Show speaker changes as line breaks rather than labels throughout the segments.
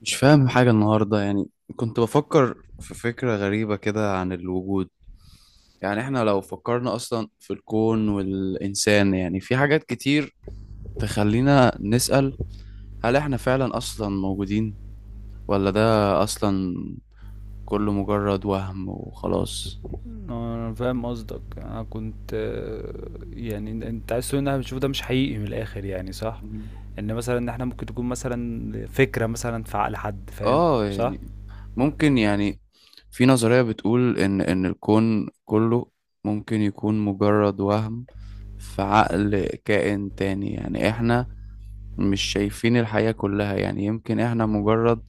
مش فاهم حاجة النهاردة يعني. كنت بفكر في فكرة غريبة كده عن الوجود. يعني احنا لو فكرنا أصلا في الكون والإنسان، يعني في حاجات كتير تخلينا نسأل: هل احنا فعلا أصلا موجودين؟ ولا ده أصلا كله مجرد وهم وخلاص؟
انا فاهم قصدك. انا كنت يعني انت عايز تقول ان احنا بنشوف ده مش حقيقي من الاخر، يعني صح؟ ان مثلا ان احنا ممكن تكون مثلا فكرة مثلا في عقل حد، فاهم؟
اه،
صح.
يعني ممكن. يعني في نظرية بتقول إن الكون كله ممكن يكون مجرد وهم في عقل كائن تاني. يعني احنا مش شايفين الحياة كلها، يعني يمكن احنا مجرد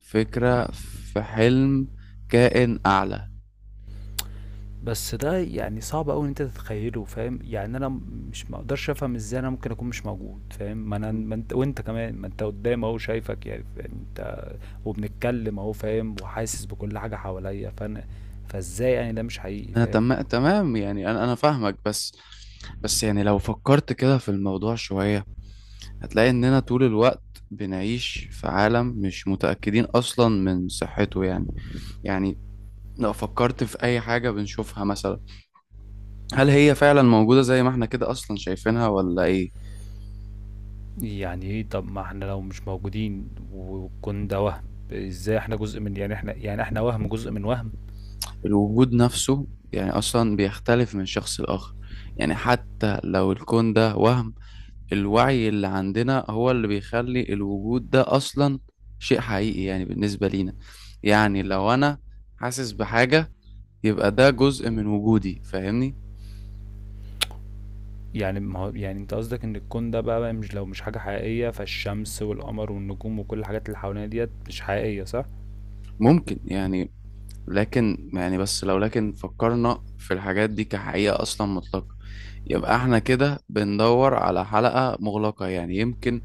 فكرة في حلم كائن أعلى.
بس ده يعني صعب قوي ان انت تتخيله، فاهم؟ يعني انا مش مقدرش افهم ازاي انا ممكن اكون مش موجود، فاهم؟ ما انا،
مم.
ما انت، وانت كمان، ما انت قدام اهو شايفك. يعني يعني انت وبنتكلم اهو، فاهم؟ وحاسس بكل حاجة حواليا، فانا فازاي يعني ده مش حقيقي؟
انا
فاهم؟
تمام، يعني انا فاهمك. بس يعني لو فكرت كده في الموضوع شوية، هتلاقي اننا طول الوقت بنعيش في عالم مش متأكدين اصلا من صحته. يعني يعني لو فكرت في اي حاجة بنشوفها مثلا، هل هي فعلا موجودة زي ما احنا كده اصلا شايفينها ولا ايه؟
يعني ايه؟ طب ما احنا لو مش موجودين والكون ده وهم، ازاي احنا جزء من، يعني احنا يعني احنا وهم جزء من وهم.
الوجود نفسه يعني أصلا بيختلف من شخص لآخر. يعني حتى لو الكون ده وهم، الوعي اللي عندنا هو اللي بيخلي الوجود ده أصلا شيء حقيقي يعني بالنسبة لينا. يعني لو أنا حاسس بحاجة، يبقى ده جزء من وجودي، فاهمني؟
يعني ما هو يعني انت قصدك ان الكون ده بقى مش، لو مش حاجة حقيقية، فالشمس والقمر والنجوم وكل الحاجات اللي حوالينا ديت مش حقيقية، صح؟
ممكن يعني. لكن يعني بس لو لكن فكرنا في الحاجات دي كحقيقة أصلا مطلقة، يبقى احنا كده بندور على حلقة مغلقة. يعني يمكن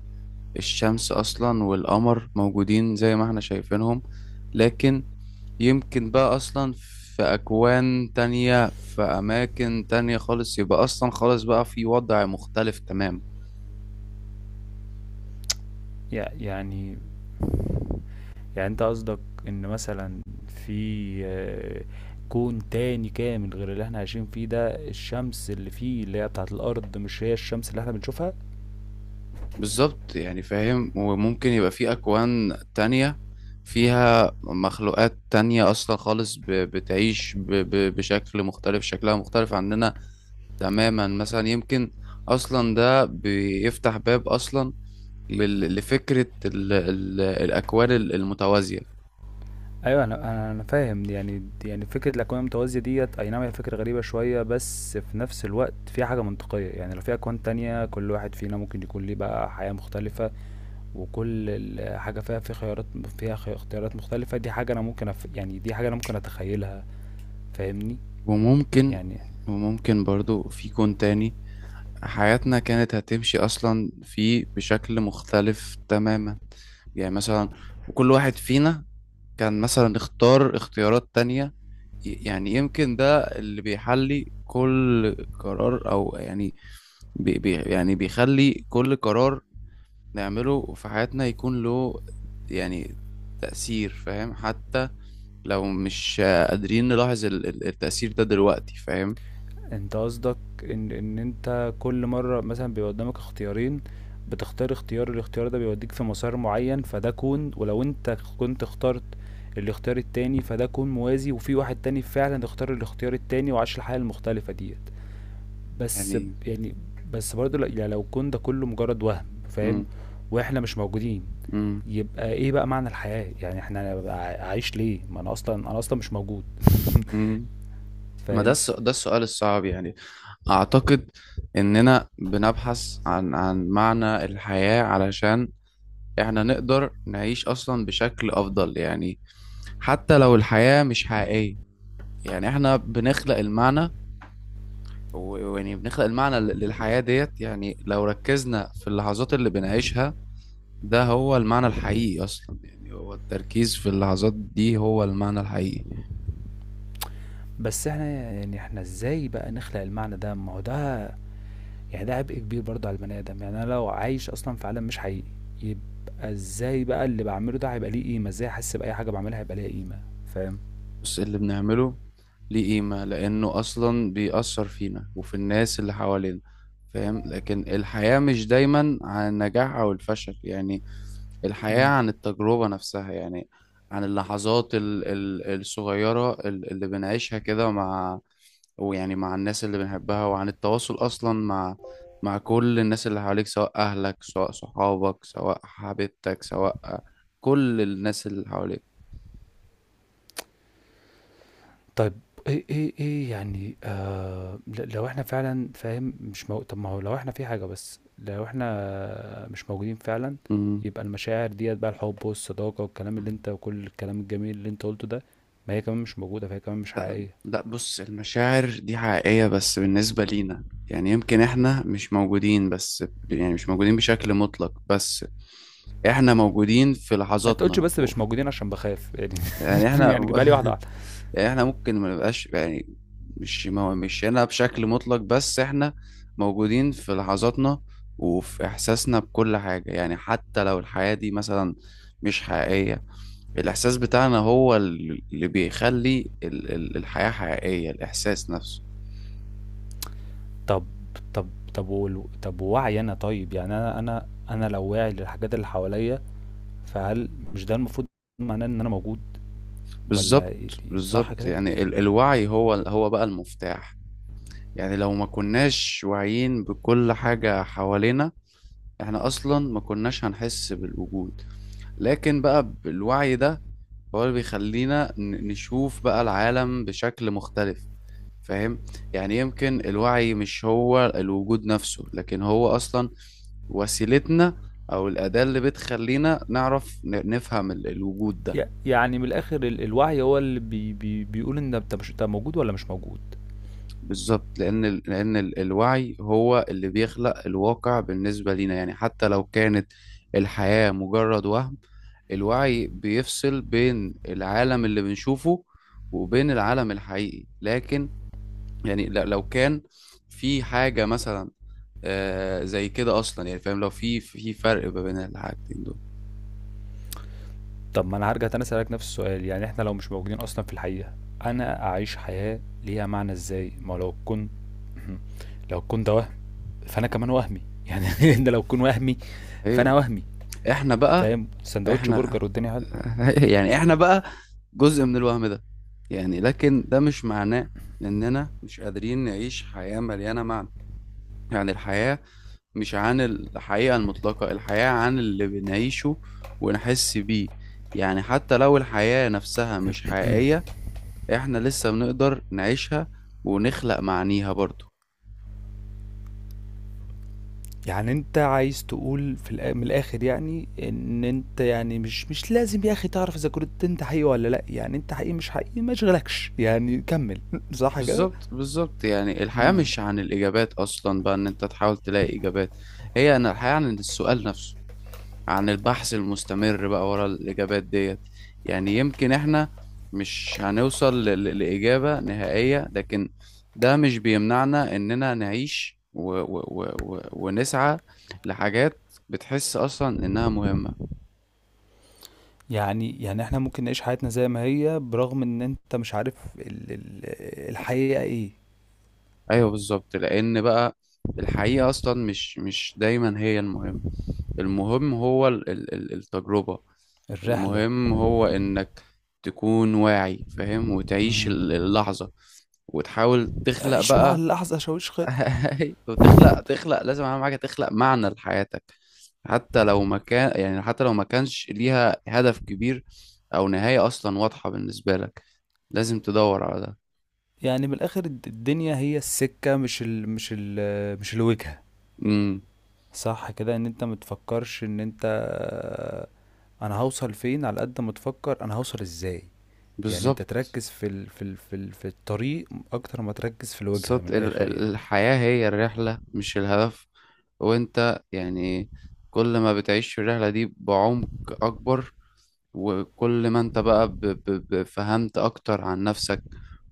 الشمس أصلا والقمر موجودين زي ما احنا شايفينهم، لكن يمكن بقى أصلا في أكوان تانية في أماكن تانية خالص، يبقى أصلا خالص بقى في وضع مختلف تمام.
يعني يعني انت قصدك ان مثلا في كون تاني كامل غير اللي احنا عايشين فيه ده، الشمس اللي فيه اللي هي بتاعت الارض مش هي الشمس اللي احنا بنشوفها.
بالظبط، يعني فاهم. وممكن يبقى في أكوان تانية فيها مخلوقات تانية أصلا خالص بتعيش بشكل مختلف، شكلها مختلف عننا تماما. مثلا يمكن أصلا ده بيفتح باب أصلا لفكرة ال ال الأكوان المتوازية.
أيوه، أنا فاهم دي. يعني دي يعني فكرة الأكوان المتوازية ديّة، أي نعم هي فكرة غريبة شوية، بس في نفس الوقت فيها حاجة منطقية. يعني لو في أكوان تانية، كل واحد فينا ممكن يكون ليه بقى حياة مختلفة، وكل ال حاجة فيها في خيارات، فيها خ اختيارات مختلفة. دي حاجة أنا ممكن أف، يعني دي حاجة أنا ممكن أتخيلها، فاهمني؟
وممكن
يعني
وممكن برضو في كون تاني حياتنا كانت هتمشي أصلا فيه بشكل مختلف تماما. يعني مثلا وكل واحد فينا كان مثلا اختار اختيارات تانية، يعني يمكن ده اللي بيحلي كل قرار، أو يعني بي بي يعني بيخلي كل قرار نعمله في حياتنا يكون له يعني تأثير، فاهم؟ حتى لو مش قادرين نلاحظ التأثير ده دلوقتي، فاهم؟
انت قصدك ان انت كل مرة مثلا بيبقى قدامك اختيارين، بتختار اختيار، الاختيار ده بيوديك في مسار معين، فده كون. ولو انت كنت اخترت الاختيار التاني فده كون موازي، وفي واحد تاني فعلا اختار الاختيار التاني وعاش الحياة المختلفة ديت. بس ب-
يعني
يعني بس برضه يعني لو كون ده كله مجرد وهم، فاهم؟
مم.
واحنا مش موجودين،
مم.
يبقى ايه بقى معنى الحياة؟ يعني احنا عايش ليه؟ ما انا اصلا، انا اصلا مش موجود.
مم. ما
فاهم؟
ده السؤال الصعب. يعني أعتقد إننا بنبحث عن معنى الحياة علشان إحنا نقدر نعيش أصلا بشكل أفضل. يعني حتى لو الحياة مش حقيقية، يعني إحنا بنخلق المعنى و- ويعني بنخلق المعنى للحياة ديت. يعني لو ركزنا في اللحظات اللي بنعيشها، ده هو المعنى الحقيقي أصلا. يعني هو التركيز في اللحظات دي هو المعنى الحقيقي.
بس إحنا يعني إحنا إزاي بقى نخلق المعنى ده؟ ما هو ده يعني ده عبء كبير برضه على البني آدم. يعني أنا لو عايش أصلًا في عالم مش حقيقي، يبقى إزاي بقى اللي باعمله ده هيبقى ليه قيمة؟ إزاي أحس بأي حاجة باعملها هيبقى ليها قيمة، فاهم؟
بص، اللي بنعمله ليه قيمة لأنه أصلا بيأثر فينا وفي الناس اللي حوالينا، فاهم؟ لكن الحياة مش دايما عن النجاح أو الفشل، يعني الحياة
إمم.
عن التجربة نفسها، يعني عن اللحظات الصغيرة اللي بنعيشها كده مع، ويعني مع الناس اللي بنحبها، وعن التواصل أصلا مع كل الناس اللي حواليك، سواء أهلك سواء صحابك سواء حبيبتك سواء كل الناس اللي حواليك.
طيب، إيه يعني لو إحنا فعلًا، فاهم؟ مش مو، طب ما هو لو إحنا في حاجة، بس لو إحنا مش موجودين فعلًا،
مم.
يبقى المشاعر ديّة بقى، الحب والصداقة والكلام اللي أنت، وكل الكلام الجميل اللي أنت قُلته ده، ما هي كمان مش موجودة، فهي كمان مش
لا،
حقيقية.
لا، بص المشاعر دي حقيقية بس بالنسبة لينا. يعني يمكن احنا مش موجودين، بس يعني مش موجودين بشكل مطلق، بس احنا موجودين في
ما تقولش
لحظاتنا.
بس مش
أوف.
موجودين عشان بخاف يعني.
يعني احنا
يعني جيبها لي واحده واحده.
يعني احنا ممكن ما نبقاش، يعني مش هنا بشكل مطلق، بس احنا موجودين في لحظاتنا وفي احساسنا بكل حاجة. يعني حتى لو الحياة دي مثلا مش حقيقية، الاحساس بتاعنا هو اللي بيخلي الحياة حقيقية، الاحساس نفسه.
طب طب طب و- طب ووعي انا، طيب يعني انا انا لو واعي للحاجات اللي حواليا، فهل مش ده المفروض معناه ان انا موجود ولا
بالظبط،
إيه؟ صح
بالظبط.
كده؟
يعني الوعي هو بقى المفتاح. يعني لو ما كناش واعيين بكل حاجة حوالينا، احنا اصلا ما كناش هنحس بالوجود، لكن بقى بالوعي ده هو اللي بيخلينا نشوف بقى العالم بشكل مختلف، فاهم؟ يعني يمكن الوعي مش هو الوجود نفسه، لكن هو أصلا وسيلتنا، أو الأداة اللي بتخلينا نعرف نفهم الوجود ده.
يعني من الاخر الوعي هو اللي بي بي بيقول ان انت، مش انت موجود ولا مش موجود؟
بالظبط، لأن الوعي هو اللي بيخلق الواقع بالنسبة لينا. يعني حتى لو كانت الحياة مجرد وهم، الوعي بيفصل بين العالم اللي بنشوفه وبين العالم الحقيقي. لكن يعني لو كان في حاجة مثلا زي كده أصلا، يعني فاهم، لو في فرق ما بين الحاجتين دول.
طب ما انا هرجع تاني اسالك نفس السؤال. يعني احنا لو مش موجودين اصلا في الحقيقه، انا اعيش حياه ليها معنى ازاي؟ ما لو كنت لو كنت وهم، فانا كمان وهمي يعني. انت لو تكون وهمي فانا
أيوه.
وهمي،
إحنا بقى،
فاهم؟ سندوتش
إحنا
برجر والدنيا حلوه.
يعني إحنا بقى جزء من الوهم ده. يعني لكن ده مش معناه إننا مش قادرين نعيش حياة مليانة معنى. يعني الحياة مش عن الحقيقة المطلقة، الحياة عن اللي بنعيشه ونحس بيه. يعني حتى لو الحياة نفسها مش حقيقية، احنا لسه بنقدر نعيشها ونخلق معانيها برضو.
يعني انت عايز تقول في من الاخر، يعني ان انت يعني مش لازم يا اخي تعرف اذا كنت انت حقيقي ولا لا. يعني انت حقيقي مش حقيقي ما يشغلكش، يعني كمل. صح كده؟
بالظبط، بالظبط. يعني الحياة
مم.
مش عن الإجابات أصلا، بقى إن أنت تحاول تلاقي إجابات، هي أن الحياة عن السؤال نفسه، عن البحث المستمر بقى ورا الإجابات ديت. يعني يمكن إحنا مش هنوصل لإجابة نهائية، لكن ده مش بيمنعنا إننا نعيش و و و و ونسعى لحاجات بتحس أصلا إنها مهمة.
يعني يعني احنا ممكن نعيش حياتنا زي ما هي، برغم ان انت مش عارف ال الحقيقة ايه.
ايوه، بالظبط، لان بقى الحقيقه اصلا مش دايما هي المهم. المهم هو التجربه.
الرحلة.
المهم هو انك تكون واعي، فاهم؟ وتعيش
مم.
اللحظه، وتحاول تخلق
عيش مع
بقى
اللحظة شاويش خير.
وتخلق لازم اهم حاجه تخلق معنى لحياتك. حتى لو ما كان يعني حتى لو ما كانش ليها هدف كبير او نهايه اصلا واضحه بالنسبه لك، لازم تدور على ده.
يعني من الاخر، الدنيا هي السكة، مش ال مش ال مش الوجهة.
امم.
صح كده؟ ان انت متفكرش ان انت، انا هوصل فين، على قد ما تفكر انا هوصل ازاي. يعني انت
بالظبط،
تركز في ال في ال في, ال في الطريق اكتر ما تركز في الوجهة،
بالظبط،
من الاخر يعني.
الحياة هي الرحلة مش الهدف. وانت يعني كل ما بتعيش في الرحلة دي بعمق أكبر، وكل ما انت بقى فهمت أكتر عن نفسك،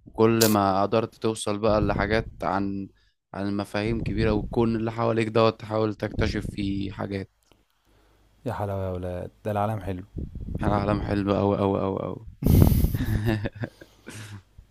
وكل ما قدرت توصل بقى لحاجات عن مفاهيم كبيرة والكون اللي حواليك دوت تحاول تكتشف فيه حاجات.
يا حلاوة يا ولاد ده، العالم حلو.
العالم حلو أوي أوي أوي أوي